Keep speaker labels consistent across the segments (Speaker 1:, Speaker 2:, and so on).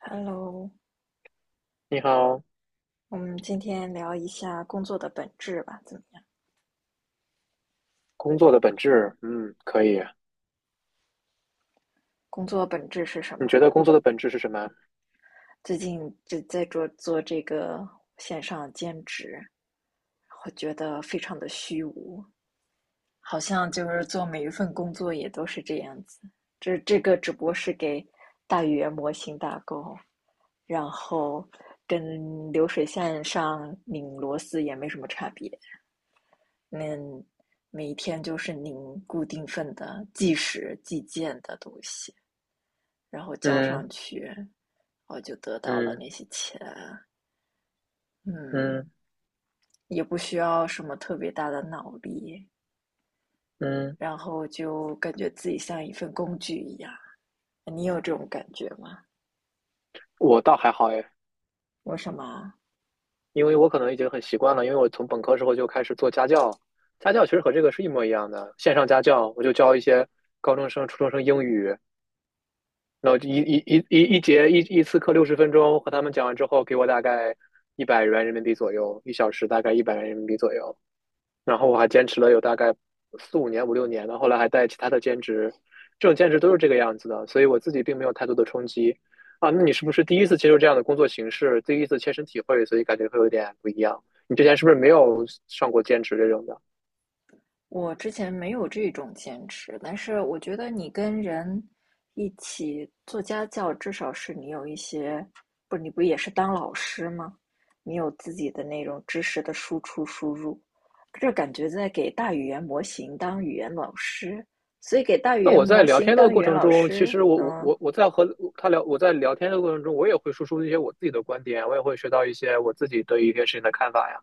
Speaker 1: Hello，
Speaker 2: 你好，
Speaker 1: 我们今天聊一下工作的本质吧，怎么样？
Speaker 2: 工作的本质，嗯，可以。
Speaker 1: 工作本质是什
Speaker 2: 你
Speaker 1: 么
Speaker 2: 觉
Speaker 1: 啊？
Speaker 2: 得工
Speaker 1: 我
Speaker 2: 作的本质是什么？
Speaker 1: 最近就在做做这个线上兼职，我觉得非常的虚无，好像就是做每一份工作也都是这样子。这个只不过是给大语言模型打勾，然后跟流水线上拧螺丝也没什么差别。嗯，每天就是您固定份的计时计件的东西，然后交
Speaker 2: 嗯
Speaker 1: 上去，我就得到了
Speaker 2: 嗯
Speaker 1: 那些钱。嗯，
Speaker 2: 嗯
Speaker 1: 也不需要什么特别大的脑力，
Speaker 2: 嗯，
Speaker 1: 然后就感觉自己像一份工具一样。你有这种感觉吗？
Speaker 2: 我倒还好哎，
Speaker 1: 为什么？
Speaker 2: 因为我可能已经很习惯了，因为我从本科时候就开始做家教，家教其实和这个是一模一样的，线上家教，我就教一些高中生、初中生英语，然后一节一次课60分钟，和他们讲完之后，给我大概一百元人民币左右，1小时大概一百元人民币左右，然后我还坚持了有大概4、5年、5、6年的，后来还带其他的兼职，这种兼职都是这个样子的，所以我自己并没有太多的冲击。啊，那你是不是第一次接受这样的工作形式，第一次切身体会，所以感觉会有点不一样？你之前是不是没有上过兼职这种的？
Speaker 1: 我之前没有这种坚持，但是我觉得你跟人一起做家教，至少是你有一些，不，你不也是当老师吗？你有自己的那种知识的输出输入，这感觉在给大语言模型当语言老师，所以给大语
Speaker 2: 那
Speaker 1: 言
Speaker 2: 我在
Speaker 1: 模
Speaker 2: 聊
Speaker 1: 型
Speaker 2: 天的
Speaker 1: 当语
Speaker 2: 过
Speaker 1: 言
Speaker 2: 程
Speaker 1: 老
Speaker 2: 中，其
Speaker 1: 师，
Speaker 2: 实我我我我在和他聊，我在聊天的过程中，我也会输出一些我自己的观点，我也会学到一些我自己对于一些事情的看法呀。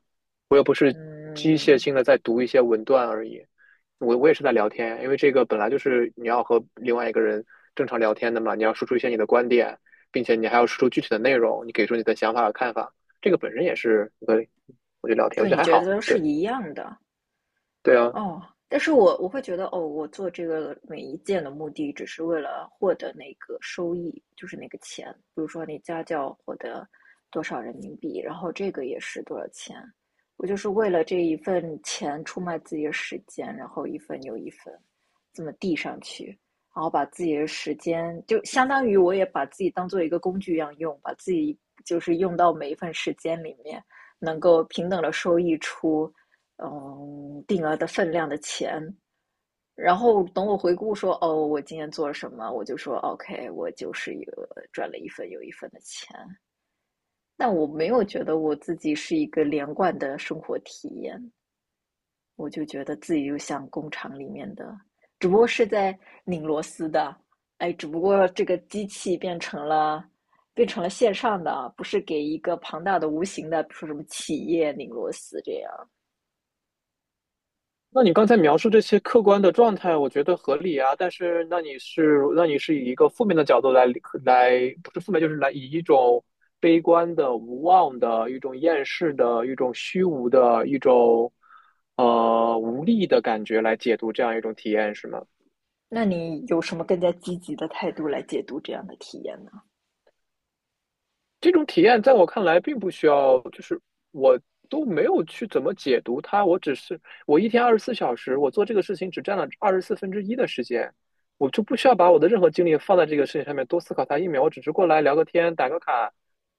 Speaker 2: 机械
Speaker 1: 嗯，
Speaker 2: 性的在读一些文段而已。我也是在聊天，因为这个本来就是你要和另外一个人正常聊天的嘛，你要输出一些你的观点，并且你还要输出具体的内容，你给出你的想法和看法，这个本身也是一个，我觉得聊天，
Speaker 1: 就
Speaker 2: 我觉
Speaker 1: 你
Speaker 2: 得还
Speaker 1: 觉得
Speaker 2: 好。
Speaker 1: 都是
Speaker 2: 对
Speaker 1: 一样的，
Speaker 2: 对啊，
Speaker 1: 哦，但是我会觉得，哦，我做这个每一件的目的只是为了获得那个收益，就是那个钱。比如说你家教获得多少人民币，然后这个也是多少钱，我就是为了这一份钱出卖自己的时间，然后一份又一份这么递上去，然后把自己的时间，就相当于我也把自己当做一个工具一样用，把自己就是用到每一份时间里面，能够平等的收益出。定额的分量的钱。然后等我回顾说，哦，我今天做了什么，我就说，OK，我就是一个赚了一份又一份的钱。但我没有觉得我自己是一个连贯的生活体验，我就觉得自己就像工厂里面的，只不过是在拧螺丝的，哎，只不过这个机器变成了线上的啊，不是给一个庞大的无形的，比如说什么企业拧螺丝这样。
Speaker 2: 那你刚才描述这些客观的状态，我觉得合理啊。但是，那你是以一个负面的角度来，不是负面，就是来以一种悲观的、无望的、一种厌世的、一种虚无的、一种无力的感觉来解读这样一种体验，是吗？
Speaker 1: 那你有什么更加积极的态度来解读这样的体验呢？
Speaker 2: 这种体验在我看来并不需要，就是我都没有去怎么解读它，我只是我一天24小时，我做这个事情只占了1/24的时间，我就不需要把我的任何精力放在这个事情上面多思考它1秒，我只是过来聊个天、打个卡，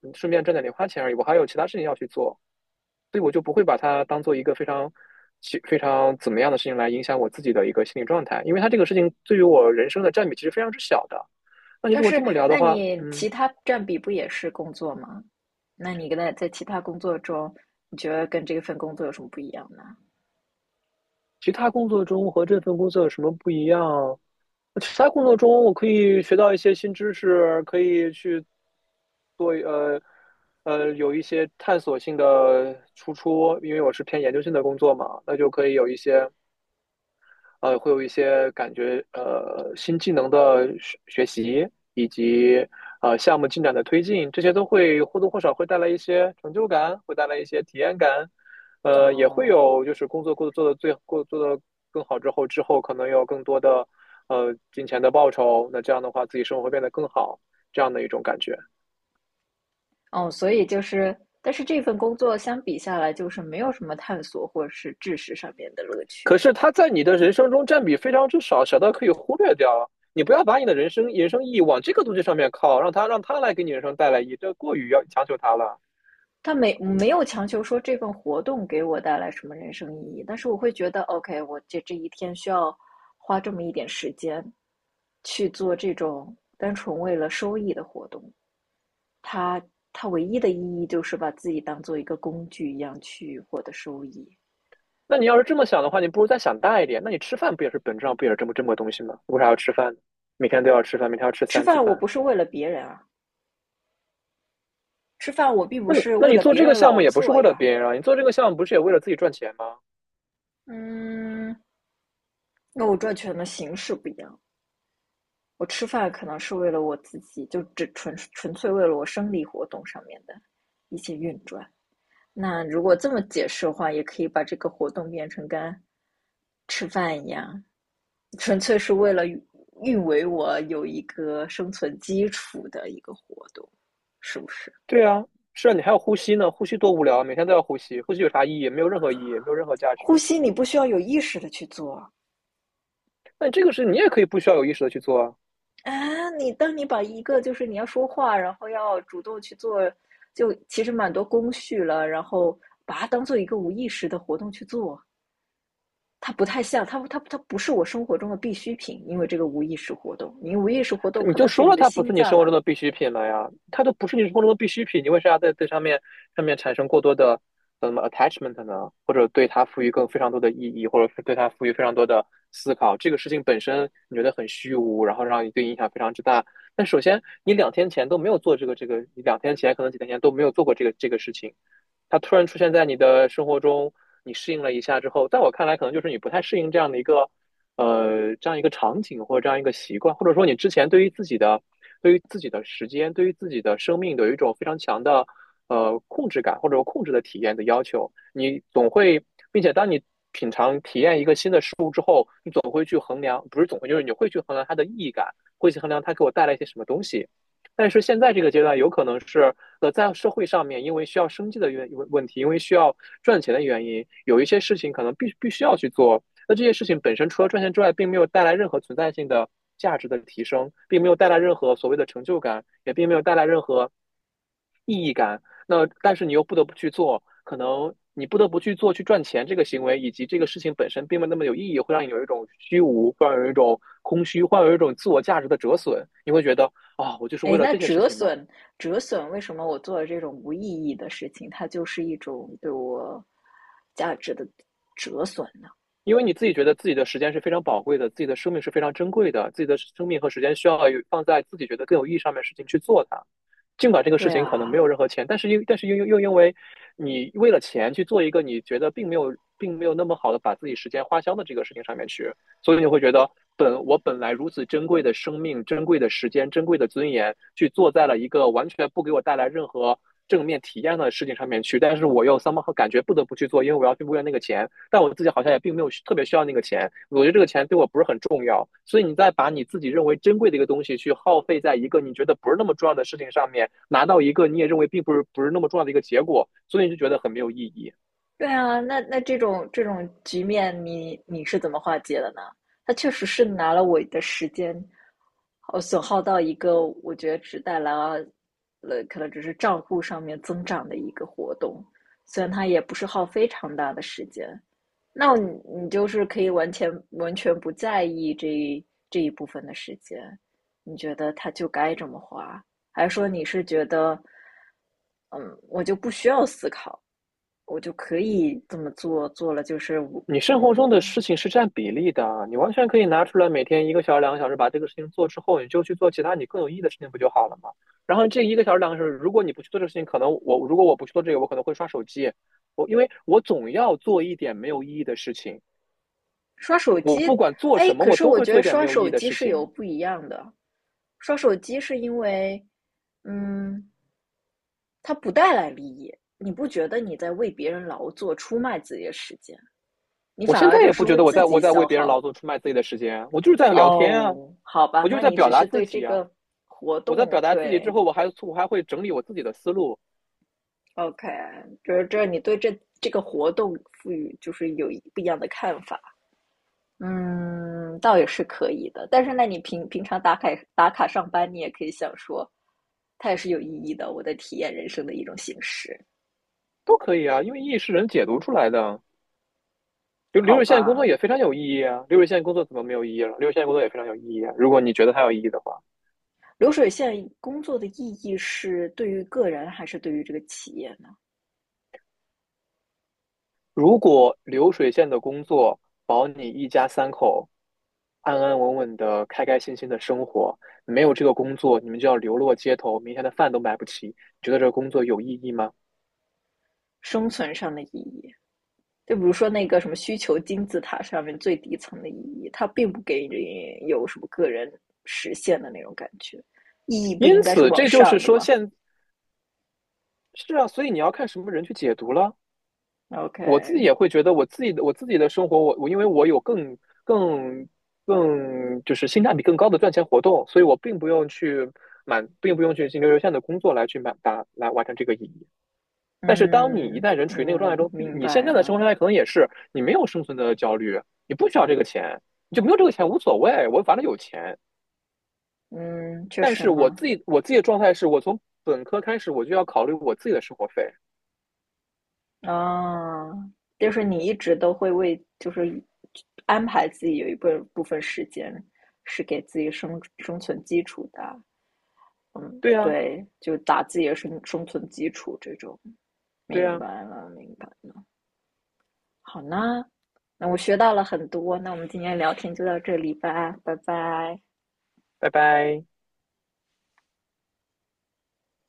Speaker 2: 顺便赚点零花钱而已，我还有其他事情要去做，所以我就不会把它当做一个非常非常怎么样的事情来影响我自己的一个心理状态，因为它这个事情对于我人生的占比其实非常之小的。那你
Speaker 1: 但
Speaker 2: 如果这
Speaker 1: 是，
Speaker 2: 么聊的
Speaker 1: 那
Speaker 2: 话，
Speaker 1: 你
Speaker 2: 嗯。
Speaker 1: 其他占比不也是工作吗？那你跟他在其他工作中，你觉得跟这份工作有什么不一样呢？
Speaker 2: 其他工作中和这份工作有什么不一样？其他工作中我可以学到一些新知识，可以去做有一些探索性的输出，因为我是偏研究性的工作嘛，那就可以有一些会有一些感觉新技能的学习，以及项目进展的推进，这些都会或多或少会带来一些成就感，会带来一些体验感，也会
Speaker 1: 哦
Speaker 2: 有就是工作过得做的最过做的更好之后，之后可能有更多的金钱的报酬，那这样的话自己生活会变得更好，这样的一种感觉。
Speaker 1: 哦，所以就是，但是这份工作相比下来，就是没有什么探索或者是知识上面的乐趣
Speaker 2: 可
Speaker 1: 啊。
Speaker 2: 是它在你的人生中占比非常之少，小到可以忽略掉啊。你不要把你的人生意义往这个东西上面靠，让它来给你人生带来意义，这过于要强求它了。
Speaker 1: 他没有强求说这份活动给我带来什么人生意义，但是我会觉得，OK，我这一天需要花这么一点时间去做这种单纯为了收益的活动，它它唯一的意义就是把自己当做一个工具一样去获得收益。
Speaker 2: 那你要是这么想的话，你不如再想大一点。那你吃饭不也是本质上不也是这么个东西吗？为啥要吃饭，每天都要吃饭，每天要吃
Speaker 1: 吃
Speaker 2: 三次
Speaker 1: 饭我
Speaker 2: 饭。
Speaker 1: 不是为了别人啊，吃饭我并不
Speaker 2: 那你
Speaker 1: 是
Speaker 2: 那
Speaker 1: 为
Speaker 2: 你
Speaker 1: 了
Speaker 2: 做
Speaker 1: 别
Speaker 2: 这个
Speaker 1: 人
Speaker 2: 项目
Speaker 1: 劳
Speaker 2: 也不是
Speaker 1: 作
Speaker 2: 为了
Speaker 1: 呀，
Speaker 2: 别人啊，你做这个项目不是也为了自己赚钱吗？
Speaker 1: 嗯，那我赚钱的形式不一样，我吃饭可能是为了我自己，就只纯粹为了我生理活动上面的一些运转。那如果这么解释的话，也可以把这个活动变成跟吃饭一样，纯粹是为了运维我有一个生存基础的一个活动，是不是？
Speaker 2: 对啊，是啊，你还要呼吸呢，呼吸多无聊啊，每天都要呼吸，呼吸有啥意义？没有任何意义，没有任何价值。
Speaker 1: 呼吸你不需要有意识的去做，
Speaker 2: 那这个事你也可以不需要有意识的去做啊。
Speaker 1: 啊，你当你把一个就是你要说话，然后要主动去做，就其实蛮多工序了，然后把它当做一个无意识的活动去做，它不太像，它不是我生活中的必需品，因为这个无意识活动，你无意识活动
Speaker 2: 你
Speaker 1: 可
Speaker 2: 就
Speaker 1: 能是
Speaker 2: 说
Speaker 1: 你
Speaker 2: 了
Speaker 1: 的
Speaker 2: 它不
Speaker 1: 心
Speaker 2: 是你
Speaker 1: 脏
Speaker 2: 生活
Speaker 1: 啊，
Speaker 2: 中的必需品了呀，它都不是你生活中的必需品，你为啥要在这上面产生过多的什么 attachment 呢？或者对它赋予更非常多的意义，或者对它赋予非常多的思考？这个事情本身你觉得很虚无，然后让你对影响非常之大。但首先，你两天前都没有做这个，你两天前可能几天前都没有做过这个事情，它突然出现在你的生活中，你适应了一下之后，在我看来，可能就是你不太适应这样的一个这样一个场景或者这样一个习惯，或者说你之前对于自己的时间、对于自己的生命有一种非常强的控制感或者控制的体验的要求，你总会，并且当你品尝体验一个新的事总会去衡量，不是总会，就是你会去衡量它的意义感，会去衡量它给我带来一些什么东西。但是现在这个阶段，有可能是在社会上面，因为需要生计的问题，因为需要赚钱的原因，有一些事情可能必须要去做。那这些事情本身除了赚钱之外，并没有带来任何存在性的价值的提升，并没有带来任何所谓的成就感，也并没有带来任何意义感。那但是你又不得不去做，可能你不得不去做去赚钱这个行为，以及这个事情本身并没有那么有意义，会让你有一种虚无，会让你有一种空虚，会让你有一种自我价值的折损。你会觉得啊、哦我就是
Speaker 1: 哎，
Speaker 2: 为了
Speaker 1: 那
Speaker 2: 这些事
Speaker 1: 折
Speaker 2: 情吗？
Speaker 1: 损折损，为什么我做了这种无意义的事情，它就是一种对我价值的折损呢？
Speaker 2: 因为你自己觉得自己的时间是非常宝贵的，自己的生命是非常珍贵的，自己的生命和时间需要有放在自己觉得更有意义上面的事情去做它。尽管这个事
Speaker 1: 对
Speaker 2: 情可能没
Speaker 1: 啊，
Speaker 2: 有任何钱，但是又因为你为了钱去做一个你觉得并没有那么好的把自己时间花销的这个事情上面去，所以你会觉得本来如此珍贵的生命、珍贵的时间、珍贵的尊严，去做在了一个完全不给我带来任何正面体验的事情上面去，但是我又 somehow 感觉不得不去做，因为我要去为了那个钱。但我自己好像也并没有特别需要那个钱，我觉得这个钱对我不是很重要，所以你再把你自己认为珍贵的一个东西去耗费在一个你觉得不是那么重要的事情上面，拿到一个你也认为并不是那么重要的一个结果，所以你就觉得很没有意义。
Speaker 1: 对啊，那这种局面你，你是怎么化解的呢？他确实是拿了我的时间，损耗到一个我觉得只带来了可能只是账户上面增长的一个活动，虽然它也不是耗非常大的时间，那你就是可以完全不在意这一部分的时间，你觉得他就该这么花，还是说你是觉得，嗯，我就不需要思考，我就可以这么做，做了就是我
Speaker 2: 你生活
Speaker 1: 嗯，
Speaker 2: 中的事情是占比例的，你完全可以拿出来每天一个小时、两个小时把这个事情做之后，你就去做其他你更有意义的事情不就好了吗？然后这一个小时、两个小时，如果你不去做这个事情，可能我如果我不去做这个，我可能会刷手机，因为我总要做一点没有意义的事情。
Speaker 1: 刷手
Speaker 2: 我
Speaker 1: 机，
Speaker 2: 不管做
Speaker 1: 哎，
Speaker 2: 什么，
Speaker 1: 可
Speaker 2: 我
Speaker 1: 是
Speaker 2: 都
Speaker 1: 我
Speaker 2: 会
Speaker 1: 觉
Speaker 2: 做
Speaker 1: 得
Speaker 2: 一点没
Speaker 1: 刷
Speaker 2: 有意义
Speaker 1: 手
Speaker 2: 的
Speaker 1: 机
Speaker 2: 事
Speaker 1: 是有
Speaker 2: 情。
Speaker 1: 不一样的，刷手机是因为，嗯，它不带来利益，你不觉得你在为别人劳作、出卖自己的时间？你
Speaker 2: 我
Speaker 1: 反
Speaker 2: 现
Speaker 1: 而
Speaker 2: 在
Speaker 1: 就
Speaker 2: 也
Speaker 1: 是
Speaker 2: 不觉
Speaker 1: 为
Speaker 2: 得我
Speaker 1: 自
Speaker 2: 在我
Speaker 1: 己
Speaker 2: 在为
Speaker 1: 消
Speaker 2: 别人劳
Speaker 1: 耗。
Speaker 2: 动、出卖自己的时间啊，我就是在聊天啊，
Speaker 1: 哦，好吧，
Speaker 2: 我就是
Speaker 1: 那
Speaker 2: 在
Speaker 1: 你只
Speaker 2: 表达
Speaker 1: 是
Speaker 2: 自
Speaker 1: 对这
Speaker 2: 己啊。
Speaker 1: 个活
Speaker 2: 我在
Speaker 1: 动，
Speaker 2: 表达自己之
Speaker 1: 对
Speaker 2: 后，我还会整理我自己的思路，
Speaker 1: ，OK，就是这你对这个活动赋予就是有一不一样的看法。嗯，倒也是可以的。但是那你平常打卡上班，你也可以想说，它也是有意义的，我在体验人生的一种形式，
Speaker 2: 都可以啊，因为意义是人解读出来的啊。流流
Speaker 1: 好
Speaker 2: 水线工作
Speaker 1: 吧？
Speaker 2: 也非常有意义啊，流水线工作怎么没有意义了？流水线工作也非常有意义啊。如果你觉得它有意义的话，
Speaker 1: 流水线工作的意义是对于个人还是对于这个企业呢？
Speaker 2: 如果流水线的工作保你一家三口安安稳稳的、开开心心的生活。没有这个工作，你们就要流落街头，明天的饭都买不起。你觉得这个工作有意义吗？
Speaker 1: 生存上的意义。就比如说那个什么需求金字塔上面最底层的意义，它并不给你有什么个人实现的那种感觉，意义不
Speaker 2: 因
Speaker 1: 应该是
Speaker 2: 此，
Speaker 1: 往
Speaker 2: 这就是
Speaker 1: 上的
Speaker 2: 说
Speaker 1: 吗
Speaker 2: 现，是啊，所以你要看什么人去解读了。我自己
Speaker 1: ？OK，
Speaker 2: 也会觉得，我自己的生活，我因为我有更更就是性价比更高的赚钱活动，所以我并不用去并不用去进流线的工作来去来完成这个意义。但是当你一
Speaker 1: 嗯
Speaker 2: 旦人处于那个状态
Speaker 1: 嗯，
Speaker 2: 中，
Speaker 1: 明
Speaker 2: 你现
Speaker 1: 白
Speaker 2: 在的生活
Speaker 1: 了，
Speaker 2: 状态可能也是你没有生存的焦虑，你不需要这个钱，你就没有这个钱无所谓，我反正有钱。
Speaker 1: 嗯，确
Speaker 2: 但
Speaker 1: 实
Speaker 2: 是我
Speaker 1: 呢，
Speaker 2: 自己我自己的状态是我从本科开始我就要考虑我自己的生活费。
Speaker 1: 啊，就是你一直都会为就是安排自己有部分时间是给自己生存基础的，
Speaker 2: 对呀，
Speaker 1: 对，就打自己的生存基础这种，
Speaker 2: 对
Speaker 1: 明
Speaker 2: 呀，
Speaker 1: 白了，明白了。好呢，那我学到了很多，那我们今天聊天就到这里吧，拜拜。
Speaker 2: 拜拜。